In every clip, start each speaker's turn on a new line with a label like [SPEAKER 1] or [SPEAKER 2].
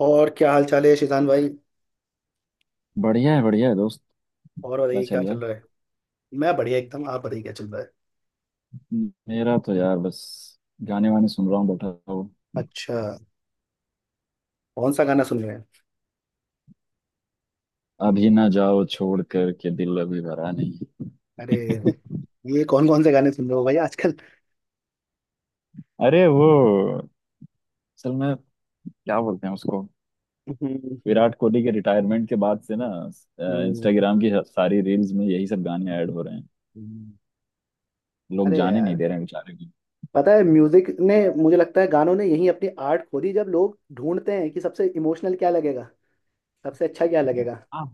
[SPEAKER 1] और क्या हाल चाल है शिजान भाई।
[SPEAKER 2] बढ़िया है दोस्त।
[SPEAKER 1] और
[SPEAKER 2] क्या
[SPEAKER 1] बताइए क्या
[SPEAKER 2] चल रहा
[SPEAKER 1] चल रहा है। मैं बढ़िया एकदम। आप बताइए क्या चल रहा है।
[SPEAKER 2] है? मेरा तो यार बस गाने वाने सुन रहा हूँ बैठा हूँ।
[SPEAKER 1] अच्छा। कौन सा गाना सुन रहे हैं।
[SPEAKER 2] अभी ना जाओ छोड़ कर के, दिल अभी भरा नहीं।
[SPEAKER 1] अरे। ये कौन कौन से गाने सुन रहे हो भाई आजकल।
[SPEAKER 2] अरे वो, असल में, क्या बोलते हैं उसको,
[SPEAKER 1] हम्म,
[SPEAKER 2] विराट कोहली के रिटायरमेंट के बाद से ना,
[SPEAKER 1] हम्म,
[SPEAKER 2] इंस्टाग्राम की सारी रील्स में यही सब गाने ऐड हो रहे हैं।
[SPEAKER 1] हम्म।
[SPEAKER 2] लोग
[SPEAKER 1] अरे
[SPEAKER 2] जाने नहीं
[SPEAKER 1] यार।
[SPEAKER 2] दे रहे हैं बेचारे को।
[SPEAKER 1] पता है म्यूजिक ने, मुझे लगता है गानों ने यही अपनी आर्ट खो दी जब लोग ढूंढते हैं कि सबसे इमोशनल क्या लगेगा, सबसे अच्छा क्या लगेगा।
[SPEAKER 2] हाँ।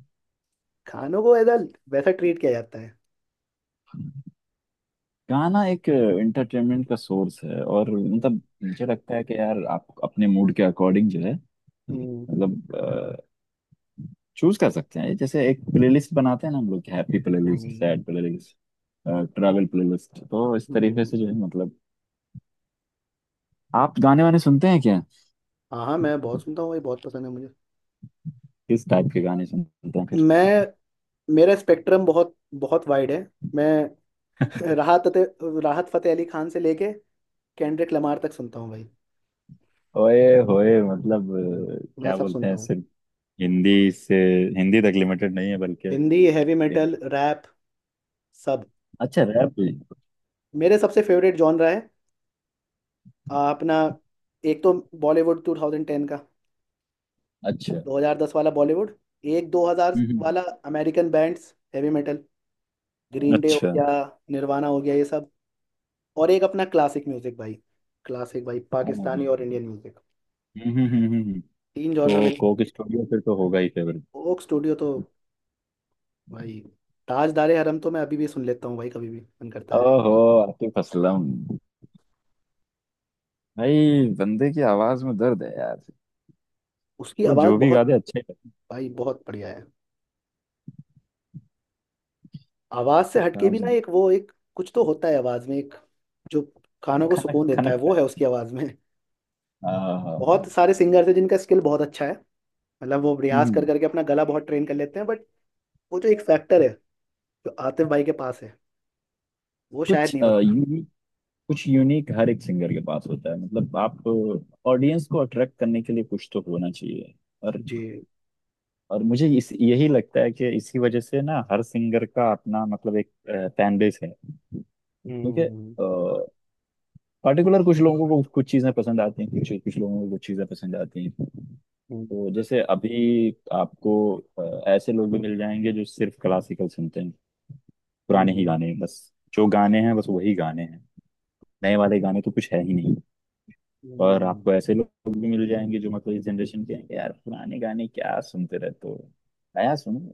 [SPEAKER 1] गानों को ऐसा वैसा ट्रीट किया जाता है।
[SPEAKER 2] गाना एक एंटरटेनमेंट का सोर्स है, और
[SPEAKER 1] हम्म
[SPEAKER 2] मतलब मुझे लगता है कि यार आप अपने मूड के अकॉर्डिंग जो है,
[SPEAKER 1] हम्म
[SPEAKER 2] मतलब, चूज कर सकते हैं। जैसे एक प्लेलिस्ट बनाते हैं ना हम लोग, हैप्पी प्लेलिस्ट,
[SPEAKER 1] हम्म
[SPEAKER 2] सैड प्लेलिस्ट, ट्रैवल प्लेलिस्ट, तो इस तरीके
[SPEAKER 1] हम्म।
[SPEAKER 2] से जो है, मतलब। आप गाने वाने सुनते हैं क्या?
[SPEAKER 1] हाँ हाँ मैं बहुत सुनता हूँ, ये बहुत पसंद है मुझे।
[SPEAKER 2] किस टाइप के गाने सुनते हैं फिर?
[SPEAKER 1] मैं, मेरा स्पेक्ट्रम बहुत बहुत वाइड है। मैं राहत फतेह अली खान से लेके केंड्रिक लमार तक सुनता हूँ भाई।
[SPEAKER 2] ओए होए, मतलब,
[SPEAKER 1] हम्म। मैं
[SPEAKER 2] क्या
[SPEAKER 1] सब
[SPEAKER 2] बोलते
[SPEAKER 1] सुनता
[SPEAKER 2] हैं,
[SPEAKER 1] हूँ।
[SPEAKER 2] सिर्फ हिंदी से हिंदी तक लिमिटेड नहीं है बल्कि।
[SPEAKER 1] हिंदी हैवी मेटल रैप सब।
[SPEAKER 2] अच्छा रैप भी।
[SPEAKER 1] मेरे सबसे फेवरेट जॉनरा है। अपना एक तो बॉलीवुड 2010 का,
[SPEAKER 2] अच्छा।
[SPEAKER 1] 2010 वाला बॉलीवुड, एक 2000
[SPEAKER 2] हम्म। हम्म।
[SPEAKER 1] वाला American bands heavy metal. Green Day हो
[SPEAKER 2] अच्छा। हाँ।
[SPEAKER 1] गया, निर्वाणा हो गया ये सब। और एक अपना क्लासिक म्यूजिक भाई, क्लासिक भाई
[SPEAKER 2] हाँ।
[SPEAKER 1] पाकिस्तानी और इंडियन म्यूजिक।
[SPEAKER 2] हम्म। हम्म। हम्म। हम्म। हम्म।
[SPEAKER 1] 3 जॉनर
[SPEAKER 2] तो
[SPEAKER 1] में।
[SPEAKER 2] कोक स्टूडियो फिर तो होगा ही फेवरेट।
[SPEAKER 1] ओक स्टूडियो तो भाई, ताजदारे हरम तो मैं अभी भी सुन लेता हूँ भाई, कभी भी मन करता है।
[SPEAKER 2] ओहो। आतिफ असलम। भाई बंदे की आवाज में दर्द है यार।
[SPEAKER 1] उसकी
[SPEAKER 2] वो
[SPEAKER 1] आवाज़
[SPEAKER 2] जो भी गा
[SPEAKER 1] बहुत,
[SPEAKER 2] दे अच्छा ही
[SPEAKER 1] भाई बहुत बढ़िया है। आवाज़ से
[SPEAKER 2] लगता है
[SPEAKER 1] हटके भी
[SPEAKER 2] आज
[SPEAKER 1] ना
[SPEAKER 2] भी।
[SPEAKER 1] एक वो एक कुछ तो होता है आवाज़ में, एक जो कानों को
[SPEAKER 2] खनक
[SPEAKER 1] सुकून देता है
[SPEAKER 2] खनकता
[SPEAKER 1] वो है
[SPEAKER 2] है।
[SPEAKER 1] उसकी आवाज़ में।
[SPEAKER 2] हाँ, हाँ, हाँ।
[SPEAKER 1] बहुत सारे सिंगर्स हैं जिनका स्किल बहुत अच्छा है, मतलब वो रियाज कर
[SPEAKER 2] हम्म।
[SPEAKER 1] करके अपना गला बहुत ट्रेन कर लेते हैं बट वो जो एक फैक्टर है, जो आतिफ भाई के पास है, वो शायद
[SPEAKER 2] कुछ
[SPEAKER 1] नहीं होता।
[SPEAKER 2] यूनिक कुछ यूनिक हर एक सिंगर के पास होता है, मतलब आप ऑडियंस को अट्रैक्ट करने के लिए कुछ तो होना चाहिए। और
[SPEAKER 1] जी।
[SPEAKER 2] और मुझे इस यही लगता है कि इसी वजह से ना हर सिंगर का अपना मतलब एक फैन बेस है। क्योंकि
[SPEAKER 1] हम्म
[SPEAKER 2] पर्टिकुलर कुछ लोगों को कुछ चीजें पसंद आती हैं, कुछ कुछ लोगों को कुछ चीजें पसंद आती हैं।
[SPEAKER 1] हम्म
[SPEAKER 2] तो जैसे अभी आपको, अ, ऐसे लोग भी मिल जाएंगे जो सिर्फ क्लासिकल सुनते हैं। पुराने ही
[SPEAKER 1] हम्म
[SPEAKER 2] गाने बस, जो गाने हैं बस वही गाने हैं, नए वाले गाने तो कुछ है ही नहीं। और
[SPEAKER 1] हम्म।
[SPEAKER 2] आपको ऐसे लोग भी मिल जाएंगे जो मतलब इस जनरेशन के हैं कि यार पुराने गाने क्या सुनते रहते हो, नया सुनो,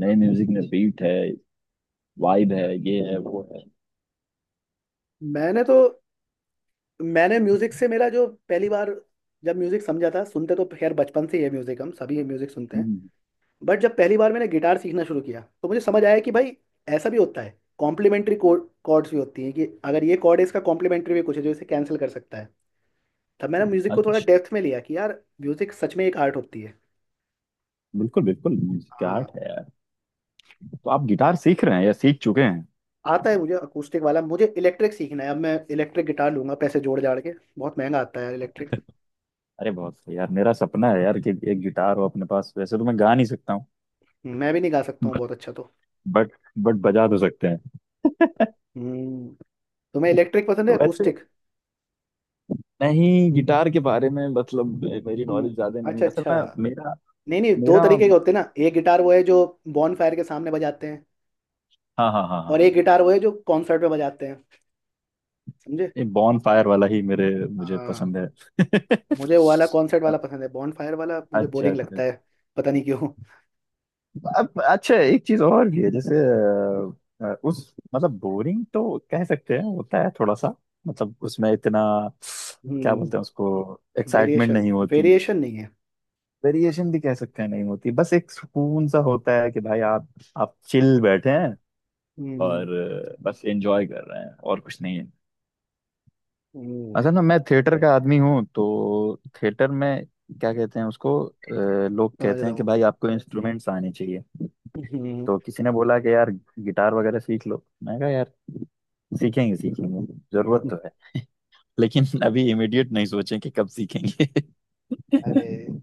[SPEAKER 2] नए म्यूजिक में बीट है, वाइब है, ये है वो है।
[SPEAKER 1] मैंने तो मैंने म्यूजिक से, मेरा जो पहली बार जब म्यूजिक समझा था, सुनते तो खैर बचपन से ही है, म्यूजिक हम सभी म्यूजिक सुनते हैं,
[SPEAKER 2] हम्म।
[SPEAKER 1] बट जब पहली बार मैंने गिटार सीखना शुरू किया तो मुझे समझ आया कि भाई ऐसा भी होता है, कॉम्प्लीमेंट्री कोड कॉर्ड्स भी होती हैं कि अगर ये कॉर्ड है इसका कॉम्प्लीमेंट्री भी कुछ है जो इसे कैंसिल कर सकता है। तब मैंने म्यूजिक को थोड़ा
[SPEAKER 2] अच्छा।
[SPEAKER 1] डेप्थ में लिया कि यार म्यूजिक सच में एक आर्ट होती है।
[SPEAKER 2] बिल्कुल बिल्कुल म्यूजिक का
[SPEAKER 1] हाँ।
[SPEAKER 2] आर्ट है यार। तो आप गिटार सीख रहे हैं या सीख चुके हैं?
[SPEAKER 1] आता है मुझे अकूस्टिक वाला, मुझे इलेक्ट्रिक सीखना है। अब मैं इलेक्ट्रिक गिटार लूंगा पैसे जोड़ जाड़ के, बहुत महंगा आता है इलेक्ट्रिक।
[SPEAKER 2] अरे बहुत सही यार, मेरा सपना है यार कि एक गिटार हो अपने पास, वैसे तो मैं गा नहीं सकता हूँ।
[SPEAKER 1] मैं भी नहीं गा सकता हूँ बहुत अच्छा तो।
[SPEAKER 2] बट बट बजा तो सकते हैं।
[SPEAKER 1] हम्म। तुम्हें इलेक्ट्रिक पसंद है
[SPEAKER 2] तो वैसे,
[SPEAKER 1] अकूस्टिक।
[SPEAKER 2] नहीं गिटार के बारे में मतलब मेरी
[SPEAKER 1] हम्म,
[SPEAKER 2] नॉलेज ज्यादा नहीं
[SPEAKER 1] अच्छा
[SPEAKER 2] है असल
[SPEAKER 1] अच्छा।
[SPEAKER 2] में मेरा
[SPEAKER 1] नहीं नहीं दो
[SPEAKER 2] मेरा हाँ,
[SPEAKER 1] तरीके के होते हैं ना, एक गिटार वो है जो बॉन फायर के सामने बजाते हैं,
[SPEAKER 2] हाँ, हाँ, हाँ,
[SPEAKER 1] और एक
[SPEAKER 2] हाँ।
[SPEAKER 1] गिटार वो है जो कॉन्सर्ट में बजाते हैं, समझे।
[SPEAKER 2] ये बॉन फायर वाला ही मेरे मुझे
[SPEAKER 1] हाँ।
[SPEAKER 2] पसंद है।
[SPEAKER 1] मुझे वो वाला कॉन्सर्ट वाला पसंद है, बॉन फायर वाला मुझे
[SPEAKER 2] अच्छा,
[SPEAKER 1] बोरिंग
[SPEAKER 2] अच्छा,
[SPEAKER 1] लगता है,
[SPEAKER 2] अच्छा।
[SPEAKER 1] पता नहीं क्यों।
[SPEAKER 2] अब अच्छा एक चीज और भी है जैसे, उस मतलब बोरिंग तो कह सकते हैं होता है थोड़ा सा, मतलब उसमें इतना क्या
[SPEAKER 1] हम्म।
[SPEAKER 2] बोलते हैं उसको एक्साइटमेंट
[SPEAKER 1] वेरिएशन,
[SPEAKER 2] नहीं होती।
[SPEAKER 1] वेरिएशन नहीं है।
[SPEAKER 2] वेरिएशन भी कह सकते हैं नहीं होती, बस एक सुकून सा होता है कि भाई आप चिल बैठे हैं। और
[SPEAKER 1] हम्म
[SPEAKER 2] बस एंजॉय कर रहे हैं और कुछ नहीं है।
[SPEAKER 1] हम्म,
[SPEAKER 2] असल में मैं थिएटर का आदमी हूँ, तो थिएटर में क्या कहते हैं उसको, लोग
[SPEAKER 1] समझ
[SPEAKER 2] कहते
[SPEAKER 1] रहा
[SPEAKER 2] हैं कि
[SPEAKER 1] हूँ।
[SPEAKER 2] भाई आपको इंस्ट्रूमेंट्स आने चाहिए।
[SPEAKER 1] हम्म,
[SPEAKER 2] तो किसी ने बोला कि यार गिटार वगैरह सीख लो, मैं कहा यार सीखेंगे सीखेंगे, जरूरत तो है, लेकिन अभी इमीडिएट नहीं सोचें कि कब सीखेंगे।
[SPEAKER 1] अरे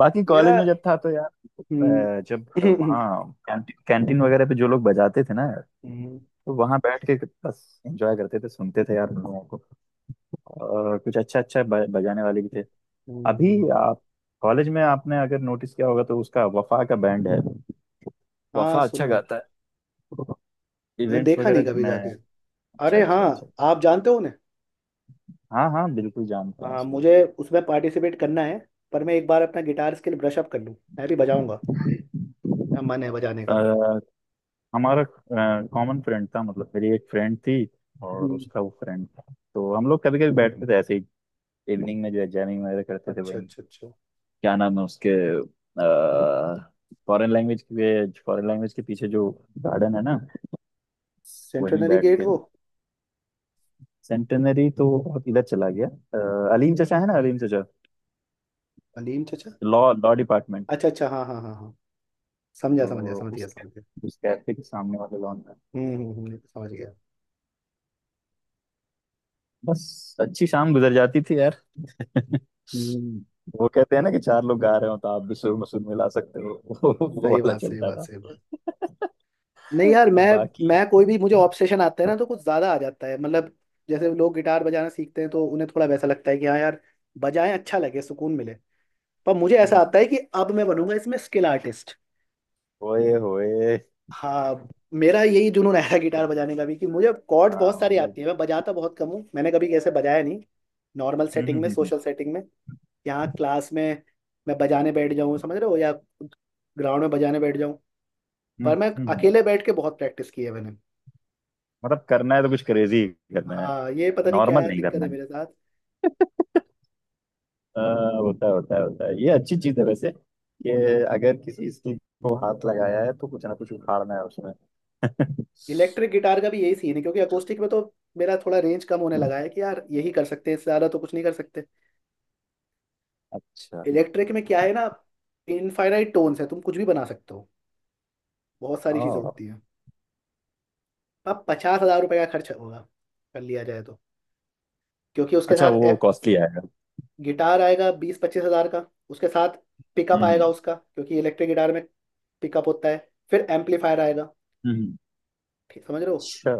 [SPEAKER 2] बाकी कॉलेज
[SPEAKER 1] मेरा।
[SPEAKER 2] में जब था तो यार
[SPEAKER 1] हम्म
[SPEAKER 2] जब
[SPEAKER 1] हम्म,
[SPEAKER 2] वहाँ कैंटीन वगैरह पे जो लोग बजाते थे ना यार,
[SPEAKER 1] हम्म,
[SPEAKER 2] तो वहाँ बैठ के बस एंजॉय करते थे सुनते थे यार दुनिया को। और कुछ अच्छा अच्छा बजाने वाले भी थे। अभी
[SPEAKER 1] हम्म,
[SPEAKER 2] आप, कॉलेज में आपने अगर नोटिस किया होगा तो उसका वफा का बैंड है।
[SPEAKER 1] हाँ
[SPEAKER 2] वफा अच्छा
[SPEAKER 1] सुना है।
[SPEAKER 2] गाता है
[SPEAKER 1] मैंने
[SPEAKER 2] इवेंट्स
[SPEAKER 1] देखा नहीं
[SPEAKER 2] वगैरह
[SPEAKER 1] कभी
[SPEAKER 2] में।
[SPEAKER 1] जाके।
[SPEAKER 2] अच्छा,
[SPEAKER 1] अरे
[SPEAKER 2] अच्छा,
[SPEAKER 1] हाँ
[SPEAKER 2] अच्छा, अच्छा।
[SPEAKER 1] आप जानते हो उन्हें।
[SPEAKER 2] हाँ, हाँ, बिल्कुल जानते हैं उसको।
[SPEAKER 1] मुझे उसमें पार्टिसिपेट करना है, पर मैं एक बार अपना गिटार स्किल ब्रश अप कर लूँ मैं भी बजाऊंगा। मन है बजाने का।
[SPEAKER 2] अ, हमारा कॉमन फ्रेंड था, मतलब मेरी एक फ्रेंड थी और
[SPEAKER 1] हम्म।
[SPEAKER 2] उसका वो फ्रेंड था। तो हम लोग कभी कभी बैठते थे ऐसे ही इवनिंग में जो है जैमिंग वगैरह करते थे
[SPEAKER 1] अच्छा
[SPEAKER 2] वहीं।
[SPEAKER 1] अच्छा अच्छा।
[SPEAKER 2] क्या नाम है उसके, आ, फॉरेन लैंग्वेज के पीछे जो गार्डन है ना, वहीं
[SPEAKER 1] सेंटेनरी
[SPEAKER 2] बैठ
[SPEAKER 1] गेट
[SPEAKER 2] के।
[SPEAKER 1] वो।
[SPEAKER 2] सेंटेनरी तो बहुत इधर चला गया, अलीम चचा है ना, अलीम चचा।
[SPEAKER 1] अलीम चचा।
[SPEAKER 2] Law law department.
[SPEAKER 1] अच्छा अच्छा हाँ हाँ हाँ हाँ। समझा समझा
[SPEAKER 2] तो
[SPEAKER 1] समझ गया
[SPEAKER 2] उस
[SPEAKER 1] समझ गया।
[SPEAKER 2] उस कैफे के सामने वाले लॉन में
[SPEAKER 1] समझ गया।
[SPEAKER 2] बस अच्छी शाम गुजर जाती थी यार।
[SPEAKER 1] हम्म।
[SPEAKER 2] वो कहते हैं ना कि चार लोग गा रहे हो तो आप भी सुर मसूर मिला सकते हो। वो
[SPEAKER 1] सही
[SPEAKER 2] वाला
[SPEAKER 1] बात सही
[SPEAKER 2] चलता
[SPEAKER 1] बात
[SPEAKER 2] था।
[SPEAKER 1] सही बात। नहीं यार, मैं
[SPEAKER 2] बाकी।
[SPEAKER 1] मैं कोई भी, मुझे ऑब्सेशन आता है ना तो कुछ ज्यादा आ जाता है मतलब। जैसे लोग गिटार बजाना सीखते हैं तो उन्हें थोड़ा वैसा लगता है कि हाँ यार बजाएं, अच्छा लगे, सुकून मिले। पर मुझे ऐसा आता
[SPEAKER 2] हम्म।
[SPEAKER 1] है कि अब मैं बनूंगा इसमें स्किल आर्टिस्ट।
[SPEAKER 2] ओए होए।
[SPEAKER 1] हाँ। मेरा यही जुनून है गिटार बजाने का भी कि मुझे कॉर्ड बहुत
[SPEAKER 2] हाँ,
[SPEAKER 1] सारी
[SPEAKER 2] मतलब।
[SPEAKER 1] आती है, मैं बजाता बहुत कम हूँ, मैंने कभी कैसे बजाया नहीं। नॉर्मल
[SPEAKER 2] हम्म।
[SPEAKER 1] सेटिंग में
[SPEAKER 2] हम्म। हम्म।
[SPEAKER 1] सोशल सेटिंग में, यहाँ क्लास में मैं बजाने बैठ जाऊँ, समझ रहे हो, या ग्राउंड में बजाने बैठ जाऊँ।
[SPEAKER 2] हम्म।
[SPEAKER 1] पर मैं
[SPEAKER 2] हम्म। हम्म।
[SPEAKER 1] अकेले बैठ के बहुत प्रैक्टिस की है मैंने।
[SPEAKER 2] मतलब करना है तो कुछ क्रेजी करना है,
[SPEAKER 1] हाँ ये पता नहीं
[SPEAKER 2] नॉर्मल
[SPEAKER 1] क्या
[SPEAKER 2] नहीं
[SPEAKER 1] दिक्कत
[SPEAKER 2] करना
[SPEAKER 1] है मेरे
[SPEAKER 2] है।
[SPEAKER 1] साथ।
[SPEAKER 2] होता है होता है होता है, ये अच्छी चीज है वैसे, कि अगर किसी स्किल को हाथ लगाया है तो कुछ ना कुछ उखाड़ना है उसमें।
[SPEAKER 1] इलेक्ट्रिक गिटार का भी यही सीन है क्योंकि अकोस्टिक में तो मेरा थोड़ा रेंज कम होने लगा है कि यार यही कर सकते हैं, इससे ज़्यादा तो कुछ नहीं कर सकते।
[SPEAKER 2] अच्छा।
[SPEAKER 1] इलेक्ट्रिक में क्या है ना, इनफाइनाइट टोन्स है, तुम कुछ भी बना सकते हो, बहुत सारी चीज़ें
[SPEAKER 2] आ,
[SPEAKER 1] होती हैं। अब 50,000 रुपये का खर्च होगा, कर लिया जाए तो, क्योंकि उसके
[SPEAKER 2] अच्छा,
[SPEAKER 1] साथ
[SPEAKER 2] वो कॉस्टली आएगा?
[SPEAKER 1] गिटार आएगा 20-25 हजार का, उसके साथ पिकअप
[SPEAKER 2] हम्म।
[SPEAKER 1] आएगा उसका, क्योंकि इलेक्ट्रिक गिटार में पिकअप होता है, फिर एम्पलीफायर आएगा,
[SPEAKER 2] हम्म।
[SPEAKER 1] ठीक समझ रहे हो।
[SPEAKER 2] अच्छा,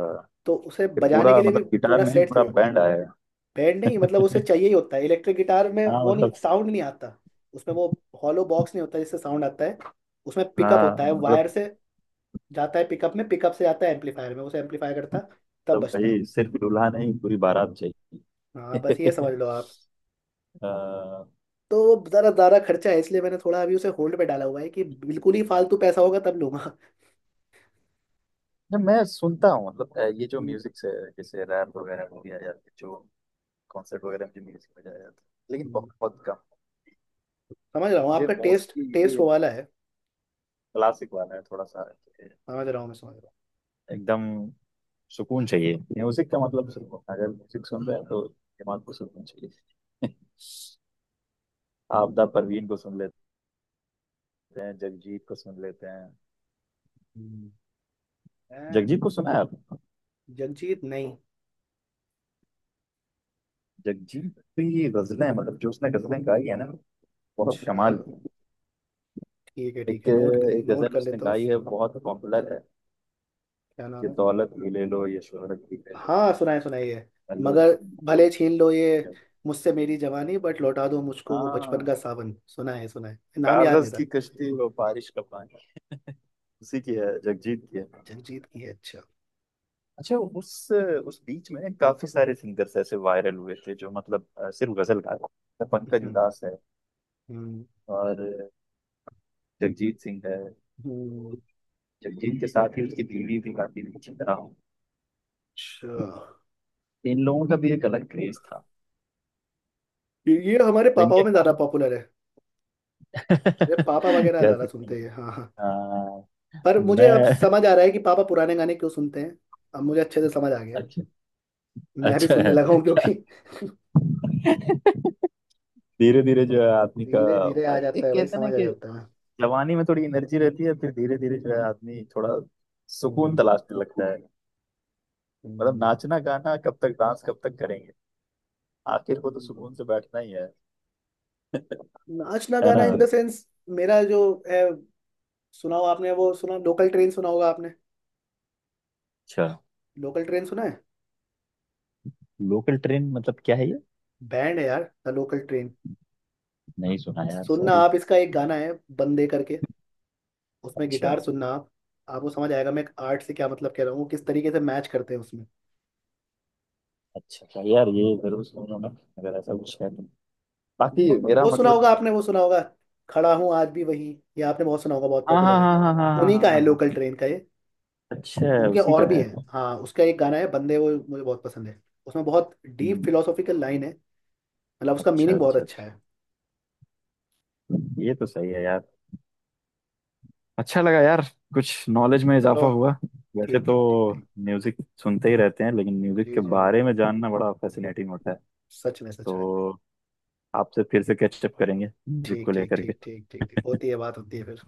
[SPEAKER 1] तो उसे
[SPEAKER 2] ये
[SPEAKER 1] बजाने
[SPEAKER 2] पूरा
[SPEAKER 1] के लिए भी
[SPEAKER 2] मतलब गिटार
[SPEAKER 1] पूरा
[SPEAKER 2] नहीं
[SPEAKER 1] सेट
[SPEAKER 2] पूरा
[SPEAKER 1] चाहिए होता है।
[SPEAKER 2] बैंड आएगा?
[SPEAKER 1] बैंड नहीं, मतलब उसे चाहिए ही होता है, इलेक्ट्रिक गिटार में
[SPEAKER 2] हाँ
[SPEAKER 1] वो नहीं,
[SPEAKER 2] मतलब
[SPEAKER 1] साउंड नहीं आता। उसमें वो हॉलो बॉक्स नहीं होता जिससे साउंड आता है, उसमें पिकअप होता
[SPEAKER 2] हाँ
[SPEAKER 1] है, वायर
[SPEAKER 2] मतलब
[SPEAKER 1] से जाता है पिकअप में, पिकअप से जाता है एम्पलीफायर में, उसे एम्पलीफाई करता है, तब
[SPEAKER 2] तो
[SPEAKER 1] बजता है।
[SPEAKER 2] भाई सिर्फ दूल्हा नहीं पूरी बारात
[SPEAKER 1] हाँ
[SPEAKER 2] चाहिए।
[SPEAKER 1] बस ये समझ लो आप।
[SPEAKER 2] अ,
[SPEAKER 1] तो वो ज़रा ज़्यादा खर्चा है, इसलिए मैंने थोड़ा अभी उसे होल्ड पे डाला हुआ है, कि बिल्कुल ही फालतू पैसा होगा तब लूंगा।
[SPEAKER 2] जब मैं सुनता हूँ मतलब, ये जो
[SPEAKER 1] हम्म,
[SPEAKER 2] म्यूजिक से जैसे रैप वगैरह हो गया या फिर जो कॉन्सर्ट वगैरह में जो म्यूजिक बजाया जाता है लेकिन
[SPEAKER 1] हम्म,
[SPEAKER 2] बहुत कम।
[SPEAKER 1] समझ रहा हूँ
[SPEAKER 2] मुझे
[SPEAKER 1] आपका टेस्ट,
[SPEAKER 2] मोस्टली यही
[SPEAKER 1] टेस्ट वो वाला है।
[SPEAKER 2] क्लासिक वाला है थोड़ा सा
[SPEAKER 1] समझ रहा हूँ मैं समझ रहा
[SPEAKER 2] एकदम। सुकून चाहिए म्यूजिक का,
[SPEAKER 1] हूँ।
[SPEAKER 2] मतलब सुकून, अगर म्यूजिक सुन रहे हैं तो दिमाग को सुकून चाहिए।
[SPEAKER 1] हम्म,
[SPEAKER 2] आपदा परवीन को सुन लेते हैं, जगजीत को सुन लेते हैं।
[SPEAKER 1] हूँ। मैं।
[SPEAKER 2] जगजीत को सुना है आप?
[SPEAKER 1] जगजीत नहीं।
[SPEAKER 2] जगजीत की गजलें, मतलब जो उसने गजलें गाई है ना, बहुत
[SPEAKER 1] अच्छा,
[SPEAKER 2] कमाल की।
[SPEAKER 1] ठीक है ठीक
[SPEAKER 2] एक
[SPEAKER 1] है, नोट,
[SPEAKER 2] एक
[SPEAKER 1] नोट
[SPEAKER 2] गजल
[SPEAKER 1] कर
[SPEAKER 2] उसने
[SPEAKER 1] लेता हूँ।
[SPEAKER 2] गाई है बहुत पॉपुलर है।
[SPEAKER 1] क्या नाम
[SPEAKER 2] ये
[SPEAKER 1] है।
[SPEAKER 2] दौलत भी ले लो ये शोहरत भी ले लो।
[SPEAKER 1] हाँ सुनाए सुनाइए।
[SPEAKER 2] पहले
[SPEAKER 1] मगर
[SPEAKER 2] उसने तो-
[SPEAKER 1] भले छीन लो ये मुझसे मेरी जवानी, बट लौटा दो मुझको वो बचपन
[SPEAKER 2] हाँ।
[SPEAKER 1] का सावन, सुना है नाम याद नहीं
[SPEAKER 2] कागज
[SPEAKER 1] था।
[SPEAKER 2] की कश्ती वो बारिश का पानी, उसी की है, जगजीत की है।
[SPEAKER 1] जगजीत की है अच्छा।
[SPEAKER 2] अच्छा, उस बीच में काफी सारे सिंगर्स ऐसे वायरल हुए थे जो मतलब, सिर्फ गजल गा रहे थे। पंकज
[SPEAKER 1] हम्म
[SPEAKER 2] उधास है
[SPEAKER 1] हम्म
[SPEAKER 2] और जगजीत सिंह है।
[SPEAKER 1] हम्म,
[SPEAKER 2] जगजीत के साथ ही उसकी बीवी भी गाती थी, चित्रा।
[SPEAKER 1] अच्छा।
[SPEAKER 2] इन लोगों का भी एक अलग क्रेज था।
[SPEAKER 1] ये हमारे
[SPEAKER 2] तो इनके
[SPEAKER 1] पापाओं में ज्यादा
[SPEAKER 2] कान
[SPEAKER 1] पॉपुलर है। ये पापा वगैरह
[SPEAKER 2] क्या
[SPEAKER 1] ज्यादा
[SPEAKER 2] सकते
[SPEAKER 1] सुनते हैं
[SPEAKER 2] हैं।
[SPEAKER 1] हाँ हाँ।
[SPEAKER 2] आ,
[SPEAKER 1] पर मुझे अब
[SPEAKER 2] मैं।
[SPEAKER 1] समझ आ रहा है कि पापा पुराने गाने क्यों सुनते हैं, अब मुझे अच्छे से समझ आ गया,
[SPEAKER 2] अच्छा।
[SPEAKER 1] मैं भी
[SPEAKER 2] अच्छा
[SPEAKER 1] सुनने लगा
[SPEAKER 2] है
[SPEAKER 1] हूँ
[SPEAKER 2] क्या?
[SPEAKER 1] क्योंकि
[SPEAKER 2] धीरे धीरे जो है आदमी का
[SPEAKER 1] धीरे धीरे आ जाता
[SPEAKER 2] एक
[SPEAKER 1] है
[SPEAKER 2] कहते
[SPEAKER 1] भाई,
[SPEAKER 2] हैं ना
[SPEAKER 1] समझ आ
[SPEAKER 2] कि
[SPEAKER 1] जाता है।
[SPEAKER 2] जवानी में थोड़ी एनर्जी रहती है, फिर धीरे धीरे जो है आदमी थोड़ा सुकून
[SPEAKER 1] हम्म,
[SPEAKER 2] तलाशने लगता है। मतलब
[SPEAKER 1] हम्म,
[SPEAKER 2] नाचना गाना कब तक, डांस कब तक करेंगे, आखिर को तो सुकून
[SPEAKER 1] हम्म।
[SPEAKER 2] से बैठना ही है।
[SPEAKER 1] नाचना
[SPEAKER 2] है
[SPEAKER 1] गाना
[SPEAKER 2] ना।
[SPEAKER 1] इन द सेंस, मेरा जो है, सुना हो आपने वो, सुना लोकल ट्रेन सुना होगा आपने।
[SPEAKER 2] अच्छा।
[SPEAKER 1] लोकल ट्रेन सुना है।
[SPEAKER 2] लोकल ट्रेन मतलब क्या है ये?
[SPEAKER 1] बैंड है यार द लोकल ट्रेन।
[SPEAKER 2] नहीं सुना यार,
[SPEAKER 1] सुनना
[SPEAKER 2] सॉरी।
[SPEAKER 1] आप, इसका एक गाना है बंदे करके, उसमें
[SPEAKER 2] अच्छा,
[SPEAKER 1] गिटार सुनना आप, आपको समझ आएगा मैं एक आर्ट से क्या मतलब कह रहा हूँ, वो किस तरीके से मैच करते हैं उसमें।
[SPEAKER 2] अच्छा, अच्छा। यार ये जरूर सुनूंगा मैं अगर ऐसा कुछ है तो।
[SPEAKER 1] वो
[SPEAKER 2] बाकी मेरा
[SPEAKER 1] वो सुना होगा
[SPEAKER 2] मतलब,
[SPEAKER 1] आपने, वो सुना होगा, खड़ा हूँ आज भी वही, ये आपने बहुत सुना होगा, बहुत
[SPEAKER 2] हाँ, हाँ,
[SPEAKER 1] पॉपुलर है।
[SPEAKER 2] हाँ, हाँ, हाँ, हाँ,
[SPEAKER 1] उन्हीं का
[SPEAKER 2] हाँ,
[SPEAKER 1] है,
[SPEAKER 2] हाँ,
[SPEAKER 1] लोकल
[SPEAKER 2] हाँ।
[SPEAKER 1] ट्रेन का ये।
[SPEAKER 2] अच्छा,
[SPEAKER 1] उनके
[SPEAKER 2] उसी
[SPEAKER 1] और
[SPEAKER 2] का
[SPEAKER 1] भी
[SPEAKER 2] है।
[SPEAKER 1] हैं, हाँ, उसका एक गाना है बंदे, वो मुझे बहुत पसंद है। उसमें बहुत डीप
[SPEAKER 2] हम्म।
[SPEAKER 1] फिलोसॉफिकल लाइन है, मतलब उसका
[SPEAKER 2] अच्छा,
[SPEAKER 1] मीनिंग बहुत
[SPEAKER 2] अच्छा,
[SPEAKER 1] अच्छा
[SPEAKER 2] अच्छा।
[SPEAKER 1] है।
[SPEAKER 2] ये तो सही है यार, अच्छा लगा यार, कुछ नॉलेज में
[SPEAKER 1] चलो।
[SPEAKER 2] इजाफा हुआ। वैसे
[SPEAKER 1] ठीक
[SPEAKER 2] तो
[SPEAKER 1] ठीक ठीक ठीक।
[SPEAKER 2] म्यूजिक सुनते ही रहते हैं लेकिन म्यूजिक
[SPEAKER 1] जी
[SPEAKER 2] के
[SPEAKER 1] जी।
[SPEAKER 2] बारे में जानना बड़ा फैसिनेटिंग होता है।
[SPEAKER 1] सच में सच में।
[SPEAKER 2] तो आपसे फिर से कैचअप करेंगे म्यूजिक
[SPEAKER 1] ठीक
[SPEAKER 2] को
[SPEAKER 1] ठीक
[SPEAKER 2] लेकर के।
[SPEAKER 1] ठीक ठीक ठीक ठीक, होती है बात, होती है फिर,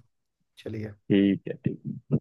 [SPEAKER 1] चलिए।
[SPEAKER 2] ठीक है, ठीक है।